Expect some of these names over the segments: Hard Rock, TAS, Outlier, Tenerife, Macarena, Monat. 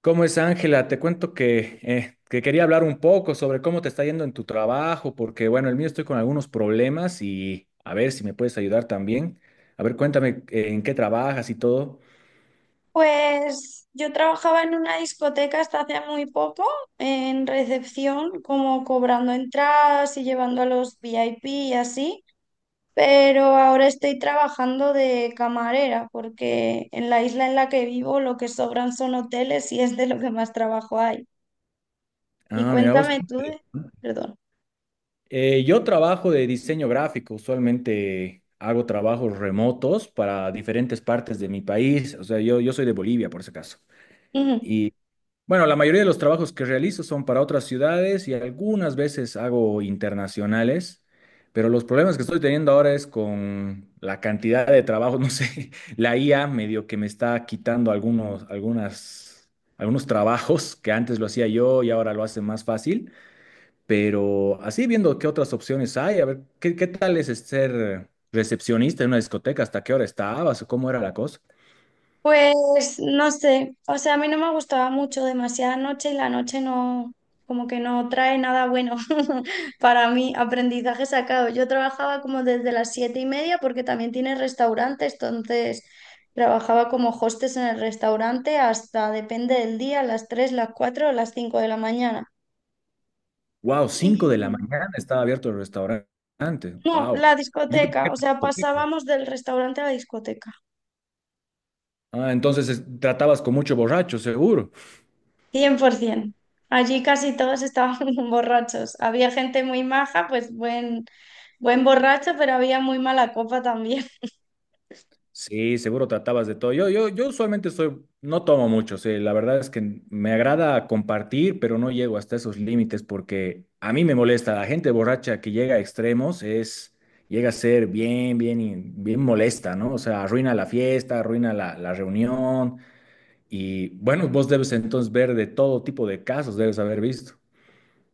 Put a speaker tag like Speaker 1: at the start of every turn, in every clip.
Speaker 1: ¿Cómo es, Ángela? Te cuento que quería hablar un poco sobre cómo te está yendo en tu trabajo, porque bueno, el mío estoy con algunos problemas y a ver si me puedes ayudar también. A ver, cuéntame en qué trabajas y todo.
Speaker 2: Pues yo trabajaba en una discoteca hasta hace muy poco, en recepción, como cobrando entradas y llevando a los VIP y así, pero ahora estoy trabajando de camarera porque en la isla en la que vivo lo que sobran son hoteles y es de lo que más trabajo hay. Y
Speaker 1: Ah, mira vos.
Speaker 2: cuéntame tú. Perdón.
Speaker 1: Yo trabajo de diseño gráfico, usualmente hago trabajos remotos para diferentes partes de mi país, o sea, yo soy de Bolivia por ese caso.
Speaker 2: Ujú.
Speaker 1: Bueno, la mayoría de los trabajos que realizo son para otras ciudades y algunas veces hago internacionales, pero los problemas que estoy teniendo ahora es con la cantidad de trabajo, no sé, la IA medio que me está quitando algunos trabajos que antes lo hacía yo y ahora lo hace más fácil, pero así viendo qué otras opciones hay, a ver, ¿qué tal es ser recepcionista en una discoteca? ¿Hasta qué hora estabas o cómo era la cosa?
Speaker 2: Pues no sé, o sea, a mí no me gustaba mucho demasiada noche y la noche no, como que no trae nada bueno para mí, aprendizaje sacado. Yo trabajaba como desde las 7:30 porque también tiene restaurantes, entonces trabajaba como hostes en el restaurante hasta, depende del día, las tres, las cuatro o las cinco de la mañana.
Speaker 1: Wow, 5 de la
Speaker 2: Y
Speaker 1: mañana estaba abierto el restaurante.
Speaker 2: no,
Speaker 1: Wow.
Speaker 2: la
Speaker 1: Yo pensé
Speaker 2: discoteca,
Speaker 1: que
Speaker 2: o sea,
Speaker 1: porque-
Speaker 2: pasábamos del restaurante a la discoteca.
Speaker 1: ah, entonces tratabas con mucho borracho, seguro.
Speaker 2: 100%. Allí casi todos estaban borrachos. Había gente muy maja, pues buen borracho, pero había muy mala copa también.
Speaker 1: Sí, seguro tratabas de todo. Yo usualmente soy, no tomo mucho, sí, la verdad es que me agrada compartir, pero no llego hasta esos límites porque a mí me molesta. La gente borracha que llega a extremos es, llega a ser bien molesta, ¿no? O sea, arruina la fiesta, arruina la reunión. Y bueno, vos debes entonces ver de todo tipo de casos, debes haber visto.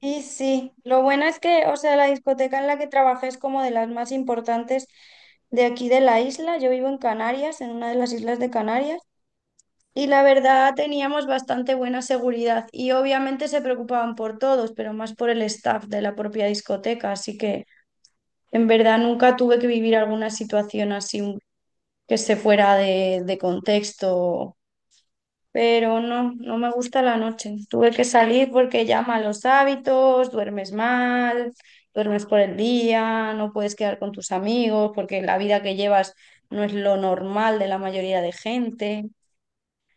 Speaker 2: Y sí, lo bueno es que, o sea, la discoteca en la que trabajé es como de las más importantes de aquí de la isla. Yo vivo en Canarias, en una de las islas de Canarias, y la verdad teníamos bastante buena seguridad y obviamente se preocupaban por todos, pero más por el staff de la propia discoteca, así que en verdad nunca tuve que vivir alguna situación así que esté fuera de contexto, pero no, no me gusta la noche. Tuve que salir porque ya malos hábitos, duermes mal, duermes por el día, no puedes quedar con tus amigos porque la vida que llevas no es lo normal de la mayoría de gente.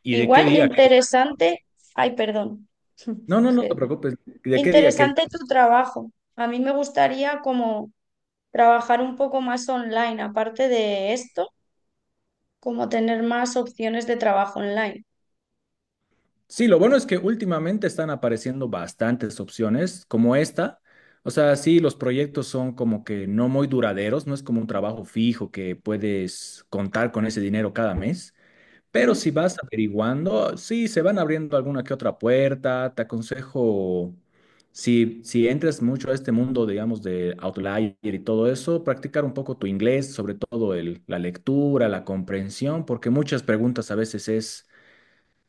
Speaker 1: ¿Y de qué
Speaker 2: Igual
Speaker 1: día?
Speaker 2: interesante, ay, perdón,
Speaker 1: No, no, no
Speaker 2: Eh,
Speaker 1: te preocupes. ¿De qué día? ¿Qué día?
Speaker 2: interesante tu trabajo. A mí me gustaría como trabajar un poco más online, aparte de esto, como tener más opciones de trabajo online.
Speaker 1: Sí, lo bueno es que últimamente están apareciendo bastantes opciones como esta. O sea, sí, los proyectos son como que no muy duraderos, no es como un trabajo fijo que puedes contar con ese dinero cada mes. Pero
Speaker 2: Ujú,
Speaker 1: si vas averiguando, sí, se van abriendo alguna que otra puerta. Te aconsejo, si entras mucho a este mundo, digamos, de Outlier y todo eso, practicar un poco tu inglés, sobre todo la lectura, la comprensión, porque muchas preguntas a veces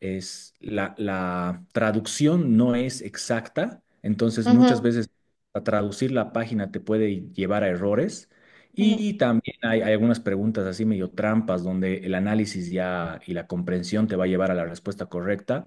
Speaker 1: es la traducción no es exacta, entonces muchas
Speaker 2: ujú,
Speaker 1: veces a traducir la página te puede llevar a errores
Speaker 2: ujú.
Speaker 1: y también hay algunas preguntas así medio trampas donde el análisis ya y la comprensión te va a llevar a la respuesta correcta,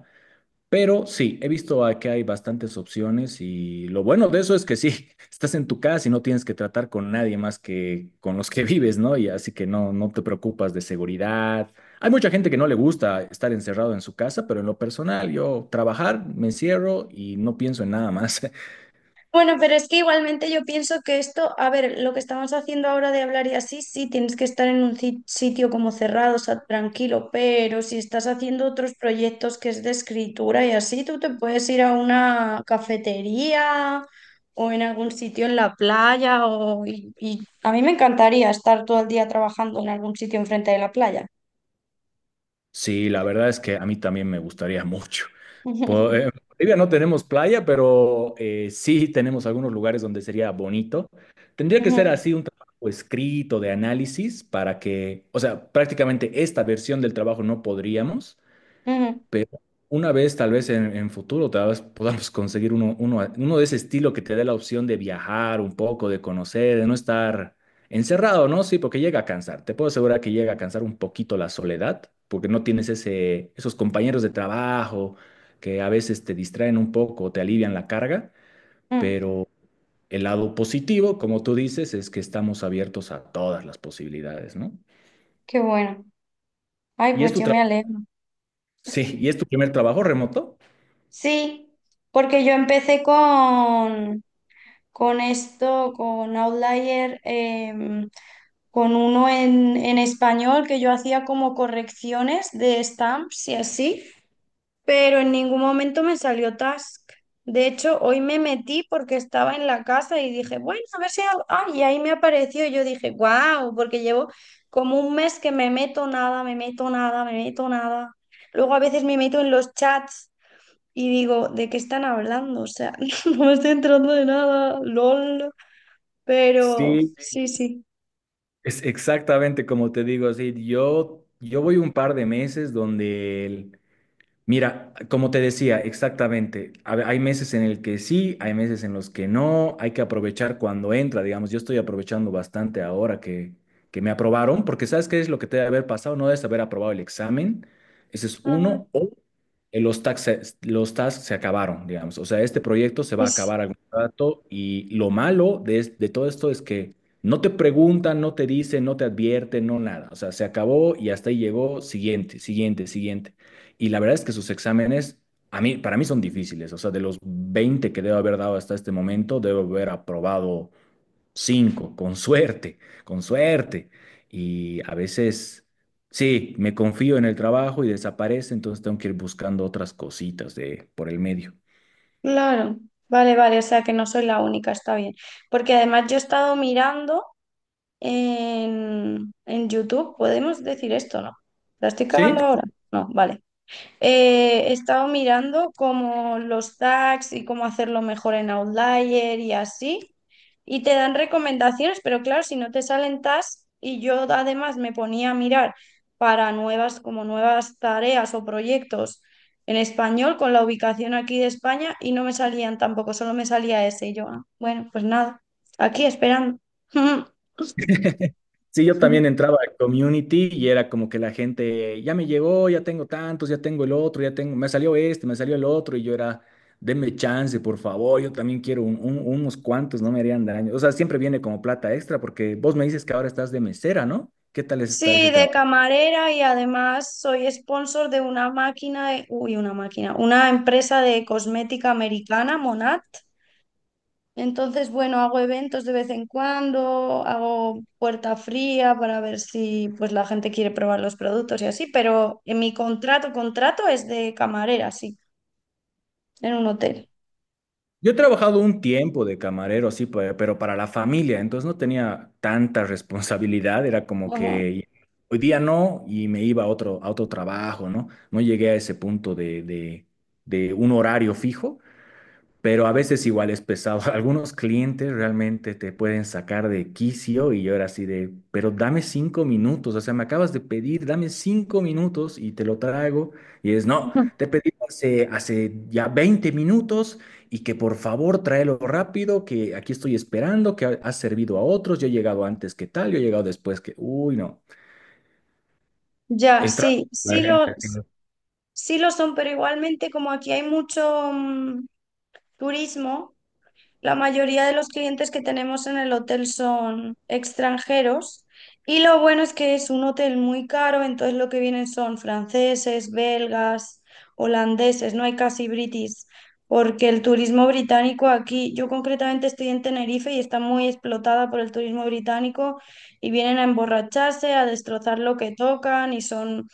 Speaker 1: pero sí, he visto a que hay bastantes opciones y lo bueno de eso es que sí, estás en tu casa y no tienes que tratar con nadie más que con los que vives, ¿no? Y así que no, no te preocupas de seguridad. Hay mucha gente que no le gusta estar encerrado en su casa, pero en lo personal, yo trabajar, me encierro y no pienso en nada más.
Speaker 2: Bueno, pero es que igualmente yo pienso que esto, a ver, lo que estamos haciendo ahora de hablar y así, sí, tienes que estar en un sitio como cerrado, o sea, tranquilo, pero si estás haciendo otros proyectos que es de escritura y así, tú te puedes ir a una cafetería o en algún sitio en la playa y a mí me encantaría estar todo el día trabajando en algún sitio enfrente de la playa.
Speaker 1: Sí, la verdad es que a mí también me gustaría mucho. En Bolivia no tenemos playa, pero sí tenemos algunos lugares donde sería bonito. Tendría que ser
Speaker 2: Ujú,
Speaker 1: así un trabajo escrito de análisis para que, o sea, prácticamente esta versión del trabajo no podríamos,
Speaker 2: ujú,
Speaker 1: pero una vez, tal vez en futuro, tal vez podamos conseguir uno de ese estilo que te dé la opción de viajar un poco, de conocer, de no estar encerrado, ¿no? Sí, porque llega a cansar. Te puedo asegurar que llega a cansar un poquito la soledad, porque no tienes esos compañeros de trabajo que a veces te distraen un poco, te alivian la carga,
Speaker 2: ujú.
Speaker 1: pero el lado positivo, como tú dices, es que estamos abiertos a todas las posibilidades, ¿no?
Speaker 2: Qué bueno. Ay,
Speaker 1: ¿Y es
Speaker 2: pues
Speaker 1: tu
Speaker 2: yo me
Speaker 1: trabajo?
Speaker 2: alegro.
Speaker 1: Sí, ¿y es tu primer trabajo remoto?
Speaker 2: Sí, porque yo empecé con esto, con Outlier, con uno en español que yo hacía como correcciones de stamps y así, pero en ningún momento me salió task. De hecho, hoy me metí porque estaba en la casa y dije, bueno, a ver si... Ah, y ahí me apareció y yo dije, wow, porque llevo como un mes que me meto nada, me meto nada, me meto nada. Luego a veces me meto en los chats y digo, ¿de qué están hablando? O sea, no me estoy enterando de nada, lol. Pero
Speaker 1: Sí,
Speaker 2: sí, sí.
Speaker 1: es exactamente como te digo, así, yo voy un par de meses donde mira, como te decía, exactamente, hay meses en el que sí, hay meses en los que no, hay que aprovechar cuando entra, digamos, yo estoy aprovechando bastante ahora que me aprobaron, porque ¿sabes qué es lo que te debe haber pasado? No debes haber aprobado el examen, ese es
Speaker 2: Ah,
Speaker 1: uno, o los tasks se acabaron, digamos, o sea, este proyecto se va a
Speaker 2: es
Speaker 1: acabar algún rato y lo malo de todo esto es que no te preguntan, no te dicen, no te advierten, no nada, o sea, se acabó y hasta ahí llegó, siguiente, siguiente, siguiente. Y la verdad es que sus exámenes, para mí son difíciles. O sea, de los 20 que debo haber dado hasta este momento, debo haber aprobado 5 con suerte, con suerte. Y a veces, sí, me confío en el trabajo y desaparece, entonces tengo que ir buscando otras cositas por el medio.
Speaker 2: claro. Vale, vale, o sea que no soy la única, está bien. Porque además yo he estado mirando en YouTube, podemos decir esto, ¿no? ¿La estoy
Speaker 1: Sí,
Speaker 2: cagando ahora? No, vale. He estado mirando como los tags y cómo hacerlo mejor en Outlier y así. Y te dan recomendaciones, pero claro, si no te salen tags, y yo además me ponía a mirar para nuevas, como nuevas tareas o proyectos en español con la ubicación aquí de España y no me salían tampoco, solo me salía ese. Y yo, ah, bueno, pues nada, aquí esperando.
Speaker 1: sí, yo también entraba a community y era como que la gente, ya me llegó, ya tengo tantos, ya tengo el otro, ya tengo, me salió este, me salió el otro, y yo era, denme chance, por favor, yo también quiero unos cuantos, no me harían daño. O sea, siempre viene como plata extra, porque vos me dices que ahora estás de mesera, ¿no? ¿Qué tal está ese
Speaker 2: Sí, de
Speaker 1: trabajo?
Speaker 2: camarera y además soy sponsor de una máquina, uy, una máquina, una empresa de cosmética americana, Monat. Entonces, bueno, hago eventos de vez en cuando, hago puerta fría para ver si pues la gente quiere probar los productos y así, pero en mi contrato, contrato es de camarera, sí, en un hotel.
Speaker 1: Yo he trabajado un tiempo de camarero, sí, pero para la familia, entonces no tenía tanta responsabilidad, era como
Speaker 2: Ajá.
Speaker 1: que hoy día no y me iba a otro trabajo, ¿no? No llegué a ese punto de un horario fijo, pero a veces igual es pesado. Algunos clientes realmente te pueden sacar de quicio y yo era así de, pero dame 5 minutos, o sea, me acabas de pedir, dame 5 minutos y te lo traigo. Y es, no,
Speaker 2: Ujú.
Speaker 1: te pedí hace ya 20 minutos y que por favor tráelo rápido, que aquí estoy esperando, has servido a otros, yo he llegado antes que tal, yo he llegado después que, uy, no.
Speaker 2: Ya,
Speaker 1: El trato.
Speaker 2: sí, sí lo son, pero igualmente como aquí hay mucho turismo. La mayoría de los clientes que tenemos en el hotel son extranjeros y lo bueno es que es un hotel muy caro, entonces lo que vienen son franceses, belgas, holandeses, no hay casi britis, porque el turismo británico aquí, yo concretamente estoy en Tenerife y está muy explotada por el turismo británico y vienen a emborracharse, a destrozar lo que tocan y son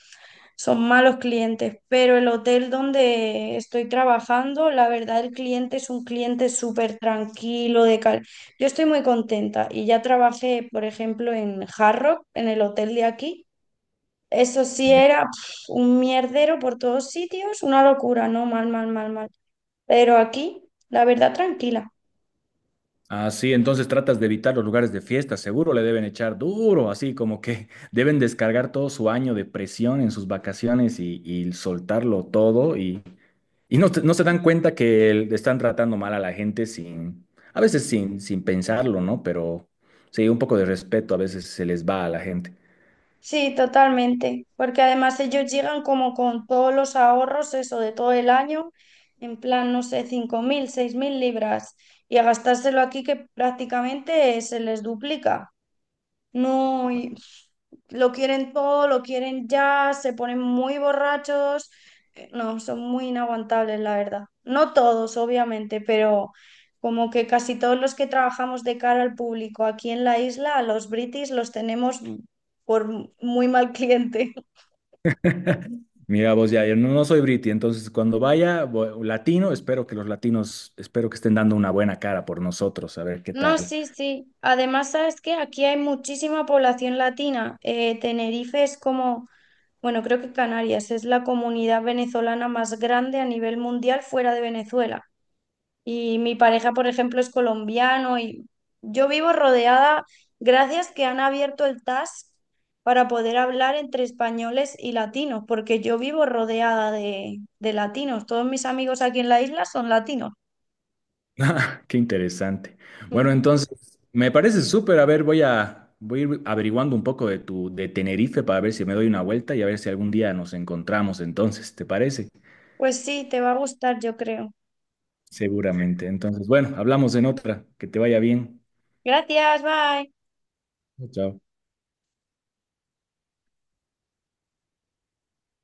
Speaker 2: son malos clientes, pero el hotel donde estoy trabajando, la verdad el cliente es un cliente súper tranquilo, Yo estoy muy contenta y ya trabajé, por ejemplo, en Hard Rock, en el hotel de aquí. Eso sí era pf, un mierdero por todos sitios, una locura, ¿no? Mal, mal, mal, mal. Pero aquí, la verdad, tranquila.
Speaker 1: Ah, sí, entonces tratas de evitar los lugares de fiesta, seguro le deben echar duro, así como que deben descargar todo su año de presión en sus vacaciones y soltarlo todo y no, no se dan cuenta que están tratando mal a la gente sin, a veces sin pensarlo, ¿no? Pero sí, un poco de respeto a veces se les va a la gente.
Speaker 2: Sí, totalmente, porque además ellos llegan como con todos los ahorros, eso de todo el año, en plan, no sé, 5.000, 6.000 libras, y a gastárselo aquí que prácticamente se les duplica. No, y lo quieren todo, lo quieren ya, se ponen muy borrachos. No, son muy inaguantables, la verdad. No todos, obviamente, pero como que casi todos los que trabajamos de cara al público aquí en la isla, a los british los tenemos por muy mal cliente.
Speaker 1: Mira vos, ya, yo no, no soy briti, entonces cuando vaya latino, espero que los latinos, espero que estén dando una buena cara por nosotros, a ver qué
Speaker 2: No,
Speaker 1: tal.
Speaker 2: sí, sí. Además, sabes que aquí hay muchísima población latina. Tenerife es como, bueno, creo que Canarias es la comunidad venezolana más grande a nivel mundial fuera de Venezuela. Y mi pareja, por ejemplo, es colombiano y yo vivo rodeada, gracias que han abierto el TAS para poder hablar entre españoles y latinos, porque yo vivo rodeada de latinos. Todos mis amigos aquí en la isla son latinos.
Speaker 1: Ah, qué interesante. Bueno,
Speaker 2: Mm.
Speaker 1: entonces, me parece súper. A ver, voy a ir averiguando un poco de Tenerife para ver si me doy una vuelta y a ver si algún día nos encontramos. Entonces, ¿te parece?
Speaker 2: Pues sí, te va a gustar, yo creo.
Speaker 1: Seguramente. Entonces, bueno, hablamos en otra. Que te vaya bien.
Speaker 2: Gracias, bye.
Speaker 1: Chao.